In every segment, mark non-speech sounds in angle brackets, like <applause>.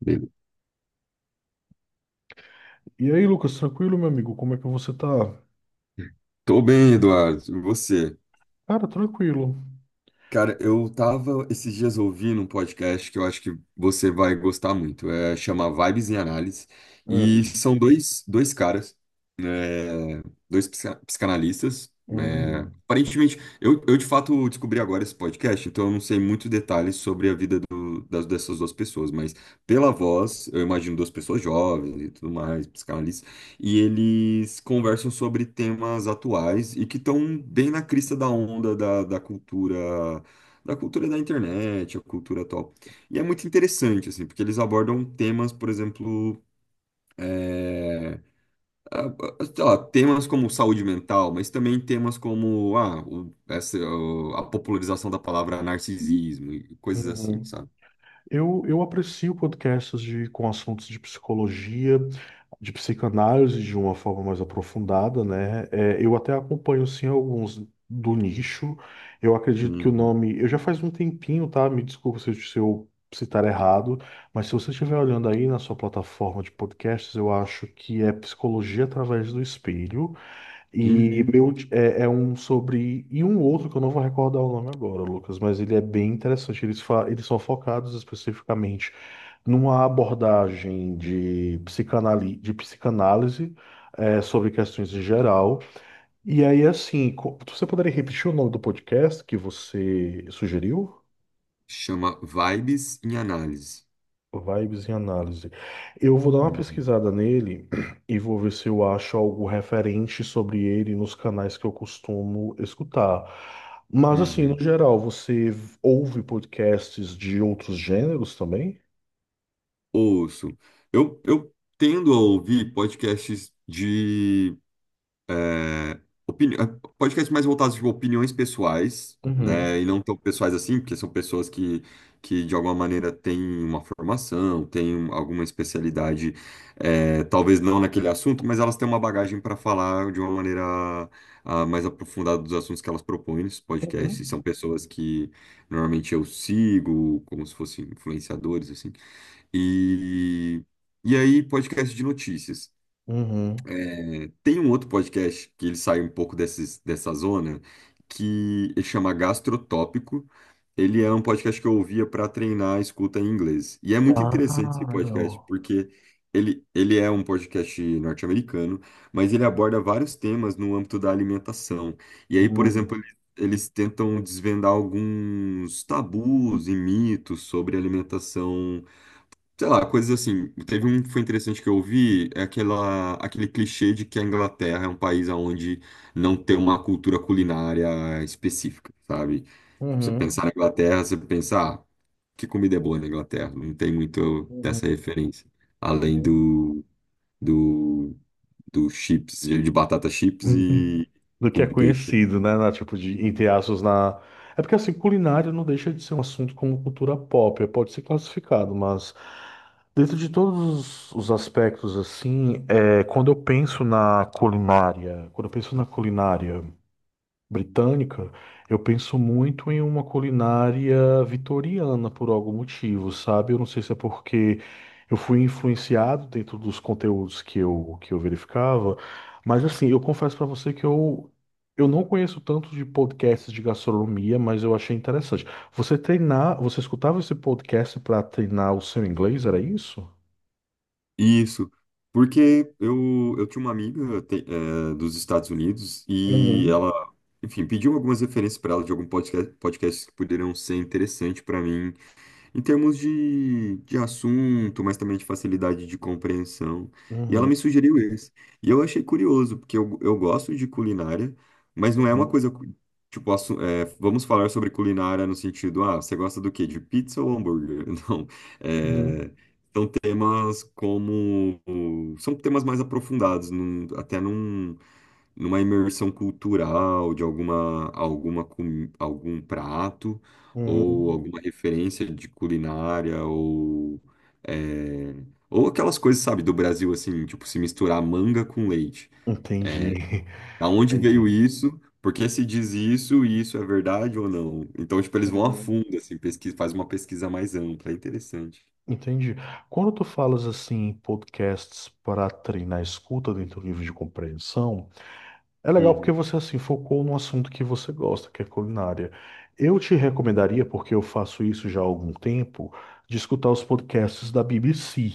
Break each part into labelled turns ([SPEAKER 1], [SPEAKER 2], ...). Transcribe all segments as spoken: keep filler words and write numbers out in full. [SPEAKER 1] Beleza.
[SPEAKER 2] E aí, Lucas, tranquilo, meu amigo? Como é que você tá?
[SPEAKER 1] Tô bem, Eduardo. E você?
[SPEAKER 2] Cara, tranquilo.
[SPEAKER 1] Cara, eu tava esses dias ouvindo um podcast que eu acho que você vai gostar muito. É, chama Vibes em Análise. E
[SPEAKER 2] Hum,
[SPEAKER 1] são dois, dois caras, né, dois psica- psicanalistas. Né.
[SPEAKER 2] hum,
[SPEAKER 1] Aparentemente, eu, eu de fato descobri agora esse podcast, então eu não sei muitos detalhes sobre a vida do- das, dessas duas pessoas, mas pela voz, eu imagino duas pessoas jovens e tudo mais, psicanalistas, e eles conversam sobre temas atuais e que estão bem na crista da onda da, da cultura da cultura da internet, a cultura atual. E é muito interessante, assim, porque eles abordam temas, por exemplo, é, a- a- sei lá, temas como saúde mental, mas também temas como ah, o- essa, o- a popularização da palavra narcisismo e coisas assim,
[SPEAKER 2] uhum.
[SPEAKER 1] sabe?
[SPEAKER 2] Eu, eu aprecio podcasts de, com assuntos de psicologia, de psicanálise de uma forma mais aprofundada, né? É, eu até acompanho, sim, alguns do nicho. Eu acredito que o
[SPEAKER 1] Uhum.
[SPEAKER 2] nome... Eu já faz um tempinho, tá? Me desculpa se eu, se eu citar errado, mas se você estiver olhando aí na sua plataforma de podcasts, eu acho que é Psicologia através do Espelho. E
[SPEAKER 1] Uhum.
[SPEAKER 2] meu, é, é um sobre. E um outro que eu não vou recordar o nome agora, Lucas, mas ele é bem interessante. Eles, fa- eles são focados especificamente numa abordagem de, psicanali... de psicanálise é, sobre questões em geral. E aí, assim, co- você poderia repetir o nome do podcast que você sugeriu?
[SPEAKER 1] Chama Vibes em Análise.
[SPEAKER 2] Vibes em Análise. Eu vou dar uma
[SPEAKER 1] Uhum.
[SPEAKER 2] pesquisada nele <clears throat> e vou ver se eu acho algo referente sobre ele nos canais que eu costumo escutar. Mas, assim, no
[SPEAKER 1] Uhum.
[SPEAKER 2] geral, você ouve podcasts de outros gêneros também?
[SPEAKER 1] Ouço. Eu, eu tendo a ouvir podcasts de é, opini- é, podcasts mais voltados tipo, a opiniões pessoais,
[SPEAKER 2] Uhum.
[SPEAKER 1] né? E não tão pessoais assim, porque são pessoas que, que de alguma maneira têm uma formação, têm um- alguma especialidade, é, talvez não naquele assunto, mas elas têm uma bagagem para falar de uma maneira ah, mais aprofundada dos assuntos que elas propõem nos podcasts. E são
[SPEAKER 2] Uhum.
[SPEAKER 1] pessoas que normalmente eu sigo, como se fossem influenciadores, assim. E, e aí, podcast de notícias.
[SPEAKER 2] Uhum.
[SPEAKER 1] É, tem um outro podcast que ele sai um pouco desses, dessa zona, que ele chama Gastrotópico. Ele é um podcast que eu ouvia para treinar a escuta em inglês. E é muito interessante esse
[SPEAKER 2] Ah,
[SPEAKER 1] podcast,
[SPEAKER 2] não.
[SPEAKER 1] porque ele, ele é um podcast norte-americano, mas ele aborda vários temas no âmbito da alimentação. E aí, por exemplo,
[SPEAKER 2] Uhum.
[SPEAKER 1] ele- eles tentam desvendar alguns tabus e mitos sobre alimentação sei lá, coisas assim. Teve um que foi interessante que eu ouvi, é aquela, aquele clichê de que a Inglaterra é um país onde não tem uma cultura culinária específica, sabe? Tipo, você pensar
[SPEAKER 2] Uhum.
[SPEAKER 1] na Inglaterra, você pensar, ah, que comida é boa na Inglaterra? Não tem muito dessa
[SPEAKER 2] Uhum.
[SPEAKER 1] referência, além
[SPEAKER 2] Uhum.
[SPEAKER 1] do, do, do chips, de batata chips
[SPEAKER 2] <laughs>
[SPEAKER 1] e
[SPEAKER 2] Do que é
[SPEAKER 1] com peixe.
[SPEAKER 2] conhecido, né? Na, tipo, de, entre aspas, na. É porque assim, culinária não deixa de ser um assunto como cultura pop, é, pode ser classificado, mas dentro de todos os os aspectos, assim, é, quando eu penso na culinária, quando eu penso na culinária britânica, eu penso muito em uma culinária vitoriana por algum motivo, sabe? Eu não sei se é porque eu fui influenciado dentro dos conteúdos que eu, que eu verificava, mas assim, eu confesso para você que eu, eu não conheço tanto de podcasts de gastronomia, mas eu achei interessante. Você treinar, você escutava esse podcast para treinar o seu inglês, era isso?
[SPEAKER 1] Isso, porque eu, eu tinha uma amiga te- eh, dos Estados Unidos e
[SPEAKER 2] Uhum.
[SPEAKER 1] ela, enfim, pediu algumas referências para ela de algum podcast, podcasts que poderiam ser interessantes para mim em termos de, de assunto, mas também de facilidade de compreensão. E ela
[SPEAKER 2] Uhum,
[SPEAKER 1] me sugeriu esse. E eu achei curioso, porque eu, eu gosto de culinária, mas não é uma
[SPEAKER 2] uhum,
[SPEAKER 1] coisa, cu- tipo, assu- é, vamos falar sobre culinária no sentido, ah, você gosta do quê? De pizza ou hambúrguer? <laughs> Não.
[SPEAKER 2] uhum,
[SPEAKER 1] É, são temas como. São temas mais aprofundados, num- até num numa imersão cultural de alguma alguma com- algum prato ou
[SPEAKER 2] uhum.
[SPEAKER 1] alguma referência de culinária, ou, é, ou aquelas coisas, sabe, do Brasil, assim, tipo, se misturar manga com leite.
[SPEAKER 2] Entendi, <laughs>
[SPEAKER 1] Aonde veio
[SPEAKER 2] entendi.
[SPEAKER 1] isso? Por que se diz isso e isso é verdade ou não? Então, tipo, eles vão a
[SPEAKER 2] Uhum.
[SPEAKER 1] fundo, assim, pesquisa, faz uma pesquisa mais ampla, é interessante.
[SPEAKER 2] Entendi. Quando tu falas assim em podcasts para treinar a escuta dentro do livro de compreensão, é legal porque
[SPEAKER 1] Uhum.
[SPEAKER 2] você assim focou num assunto que você gosta, que é culinária. Eu te recomendaria, porque eu faço isso já há algum tempo, de escutar os podcasts da B B C,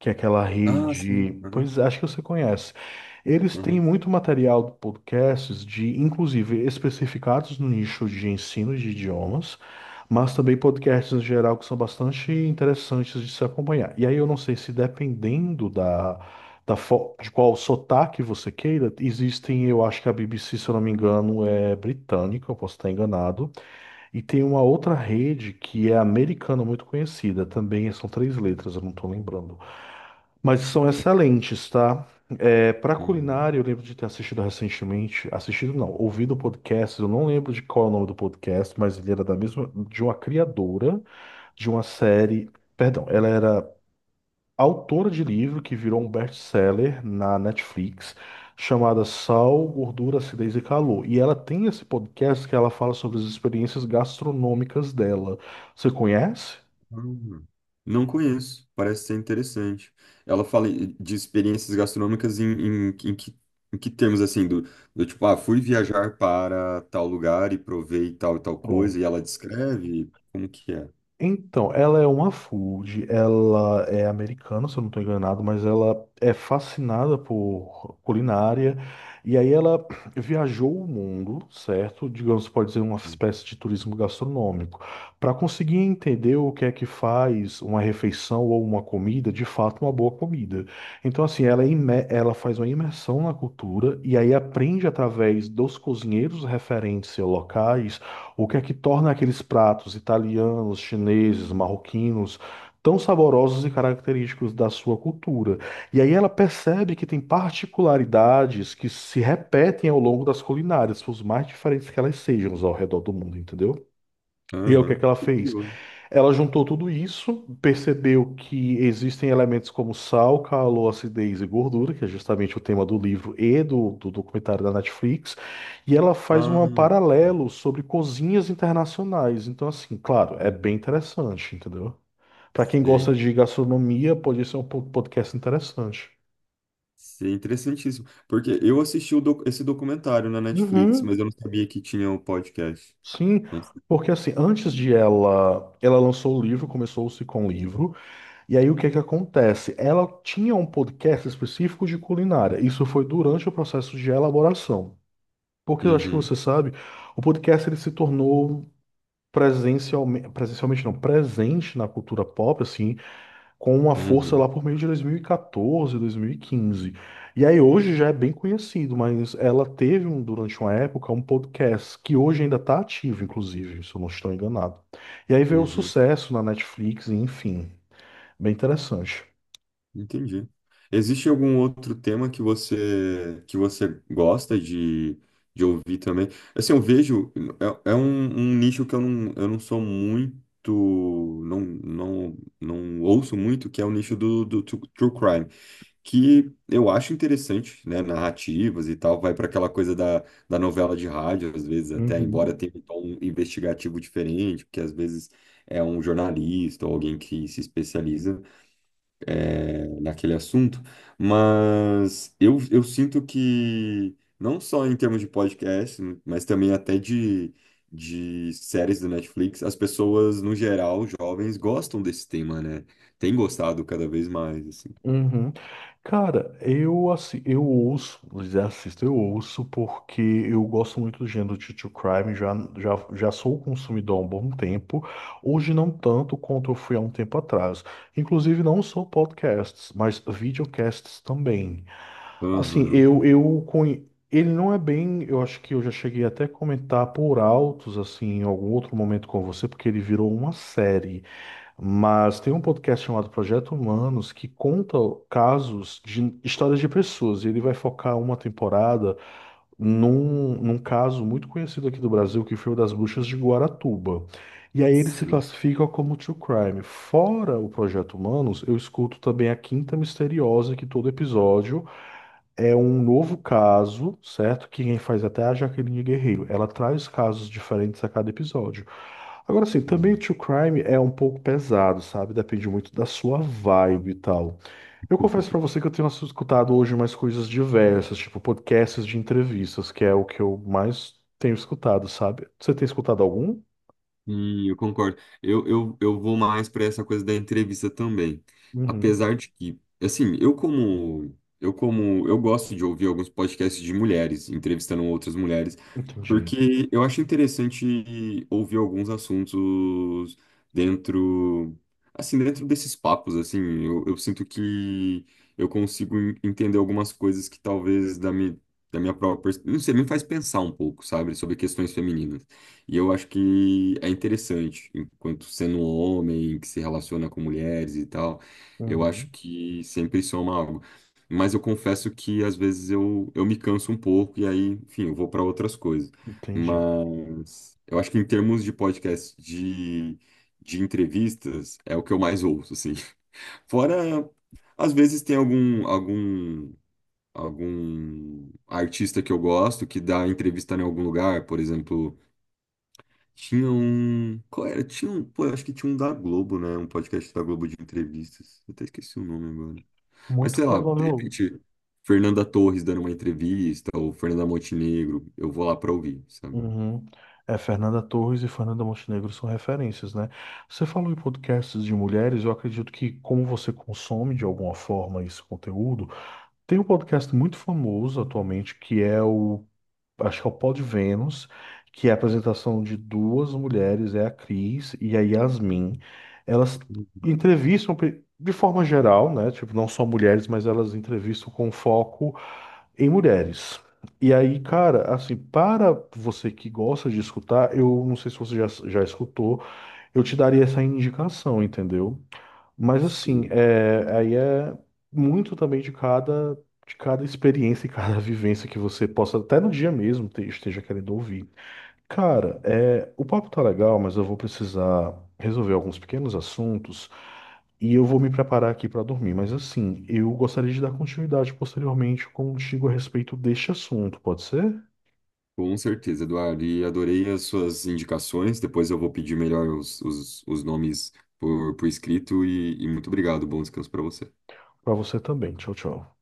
[SPEAKER 2] que é aquela
[SPEAKER 1] Ah, sim.
[SPEAKER 2] rede,
[SPEAKER 1] Aham,
[SPEAKER 2] pois acho que você conhece. Eles têm
[SPEAKER 1] aham.
[SPEAKER 2] muito material de podcasts de, inclusive, especificados no nicho de ensino de idiomas, mas também podcasts em geral que são bastante interessantes de se acompanhar. E aí eu não sei se dependendo da da fo- de qual sotaque você queira, existem, eu acho que a B B C, se eu não me engano, é britânica, eu posso estar enganado, e tem uma outra rede que é americana, muito conhecida, também são três letras, eu não estou lembrando, mas são excelentes, tá? É, para
[SPEAKER 1] Uhum.
[SPEAKER 2] culinária, eu lembro de ter assistido recentemente, assistido não, ouvido podcast, eu não lembro de qual é o nome do podcast, mas ele era da mesma, de uma criadora de uma série, perdão, ela era autora de livro que virou um best-seller na Netflix, chamada Sal, Gordura, Acidez e Calor. E ela tem esse podcast que ela fala sobre as experiências gastronômicas dela. Você conhece?
[SPEAKER 1] Hum, não conheço, parece ser interessante. Ela fala de experiências gastronômicas em, em, em que, em que termos, assim, do, do tipo, ah, fui viajar para tal lugar e provei tal e tal coisa, e
[SPEAKER 2] Pronto.
[SPEAKER 1] ela descreve como que é.
[SPEAKER 2] Então, ela é uma food, ela é americana, se eu não estou enganado, mas ela é fascinada por culinária. E aí ela <clears throat> viajou o mundo, certo? Digamos, pode ser uma espécie de turismo gastronômico, para conseguir entender o que é que faz uma refeição ou uma comida, de fato, uma boa comida. Então, assim, ela, é imer- ela faz uma imersão na cultura e aí aprende através dos cozinheiros referentes locais o que é que torna aqueles pratos italianos, chineses, marroquinos tão saborosos e característicos da sua cultura? E aí ela percebe que tem particularidades que se repetem ao longo das culinárias, por mais diferentes que elas sejam ao redor do mundo, entendeu? E aí o que é que
[SPEAKER 1] Aham,
[SPEAKER 2] ela
[SPEAKER 1] que
[SPEAKER 2] fez?
[SPEAKER 1] curioso.
[SPEAKER 2] Ela juntou tudo isso, percebeu que existem elementos como sal, calor, acidez e gordura, que é justamente o tema do livro e do, do documentário da Netflix, e ela faz um
[SPEAKER 1] Ah,
[SPEAKER 2] paralelo sobre cozinhas internacionais. Então, assim, claro, é bem
[SPEAKER 1] uhum.
[SPEAKER 2] interessante, entendeu? Para quem
[SPEAKER 1] Sei,
[SPEAKER 2] gosta de gastronomia, pode ser um po- podcast interessante.
[SPEAKER 1] sei, interessantíssimo. Porque eu assisti o doc- esse documentário na Netflix, mas eu
[SPEAKER 2] Uhum.
[SPEAKER 1] não sabia que tinha o podcast.
[SPEAKER 2] Sim,
[SPEAKER 1] Não sei.
[SPEAKER 2] porque assim, antes de ela, ela lançou o livro, começou-se com o livro. E aí o que é que acontece? Ela tinha um podcast específico de culinária. Isso foi durante o processo de elaboração. Porque eu acho que
[SPEAKER 1] Uhum,
[SPEAKER 2] você sabe, o podcast ele se tornou presencialmente, presencialmente não, presente na cultura pop, assim, com uma força
[SPEAKER 1] uhum,
[SPEAKER 2] lá por meio de dois mil e quatorze, dois mil e quinze. E quatorze, dois mil e quinze. E aí hoje já é bem conhecido, mas ela teve um- durante uma época um podcast que hoje ainda está ativo, inclusive, se eu não estou enganado. E aí veio o
[SPEAKER 1] uhum.
[SPEAKER 2] sucesso na Netflix, e enfim, bem interessante.
[SPEAKER 1] Entendi. Existe algum outro tema que você que você gosta de, de ouvir também? Assim, eu vejo, é, é um, um nicho que eu não, eu não sou muito, não, não, não ouço muito, que é o nicho do, do tru- true crime, que eu acho interessante, né? Narrativas e tal, vai para aquela coisa da, da novela de rádio, às vezes, até embora
[SPEAKER 2] Uhum,
[SPEAKER 1] tenha um tom investigativo diferente, porque às vezes é um jornalista ou alguém que se especializa naquele assunto, mas eu, eu sinto que, não só em termos de podcast, mas também até de, de séries da Netflix, as pessoas, no geral, jovens, gostam desse tema, né? Tem gostado cada vez mais, assim.
[SPEAKER 2] uhum. Cara, eu assim, eu ouço, vou dizer, assisto, eu ouço porque eu gosto muito do gênero de true crime, já, já, já sou consumidor há um bom tempo, hoje não tanto quanto eu fui há um tempo atrás. Inclusive não só podcasts, mas videocasts também. Assim,
[SPEAKER 1] Aham.
[SPEAKER 2] eu, eu conhe- ele não é bem, eu acho que eu já cheguei até a comentar por altos, assim, em algum outro momento com você, porque ele virou uma série. Mas tem um podcast chamado Projeto Humanos que conta casos de histórias de pessoas. E ele vai focar uma temporada num, num caso muito conhecido aqui do Brasil, que foi o das bruxas de Guaratuba. E aí ele se
[SPEAKER 1] Sim.
[SPEAKER 2] classifica como true crime. Fora o Projeto Humanos, eu escuto também a Quinta Misteriosa, que todo episódio é um novo caso, certo? Que quem faz até é a Jaqueline Guerreiro. Ela traz casos diferentes a cada episódio. Agora sim, também o True Crime é um pouco pesado, sabe? Depende muito da sua vibe e tal. Eu confesso pra você que eu tenho escutado hoje mais coisas diversas, tipo podcasts de entrevistas, que é o que eu mais tenho escutado, sabe? Você tem escutado algum?
[SPEAKER 1] Sim, eu concordo. Eu, eu, eu vou mais para essa coisa da entrevista também.
[SPEAKER 2] Uhum,
[SPEAKER 1] Apesar de que, assim, eu como eu como eu gosto de ouvir alguns podcasts de mulheres entrevistando outras mulheres,
[SPEAKER 2] entendi.
[SPEAKER 1] porque eu acho interessante ouvir alguns assuntos dentro assim, dentro desses papos, assim, eu, eu sinto que eu consigo en- entender algumas coisas que talvez da minha da minha própria, pers- não sei, me faz pensar um pouco, sabe, sobre questões femininas. E eu acho que é interessante, enquanto sendo um homem que se relaciona com mulheres e tal, eu acho
[SPEAKER 2] Uhum,
[SPEAKER 1] que sempre soma algo. Mas eu confesso que às vezes eu, eu me canso um pouco e aí, enfim, eu vou para outras coisas.
[SPEAKER 2] entendi.
[SPEAKER 1] Mas eu acho que em termos de podcast, de, de entrevistas, é o que eu mais ouço, assim. <laughs> Fora, às vezes tem algum, algum, algum artista que eu gosto que dá entrevista em algum lugar, por exemplo. Tinha um. Qual era? Tinha um. Pô, eu acho que tinha um da Globo, né? Um podcast da Globo de entrevistas. Eu até esqueci o nome agora. Mas
[SPEAKER 2] Muito
[SPEAKER 1] sei lá, de
[SPEAKER 2] provável.
[SPEAKER 1] repente, Fernanda Torres dando uma entrevista, ou Fernanda Montenegro, eu vou lá pra ouvir, sabe?
[SPEAKER 2] Uhum. É, Fernanda Torres e Fernanda Montenegro são referências, né? Você falou em podcasts de mulheres, eu acredito que como você consome de alguma forma esse conteúdo, tem um podcast muito famoso atualmente que é o, acho que é o Pod Vênus, que é a apresentação de duas mulheres, é a Cris e a Yasmin. Elas entrevistam pe- de forma geral, né? Tipo, não só mulheres, mas elas entrevistam com foco em mulheres. E aí, cara, assim, para você que gosta de escutar, eu não sei se você já, já escutou, eu te daria essa indicação, entendeu? Mas assim,
[SPEAKER 1] Sim.
[SPEAKER 2] é, aí é muito também de cada, de cada experiência e cada <laughs> vivência que você possa, até no dia mesmo, te- esteja querendo ouvir. Cara, é, o papo tá legal, mas eu vou precisar resolver alguns pequenos assuntos e eu vou me preparar aqui para dormir. Mas assim, eu gostaria de dar continuidade posteriormente contigo a respeito deste assunto, pode ser?
[SPEAKER 1] Com certeza, Eduardo. E adorei as suas indicações. Depois eu vou pedir melhor os, os, os nomes por, por escrito. E, e muito obrigado. Bom descanso pra você.
[SPEAKER 2] Para você também. Tchau, tchau.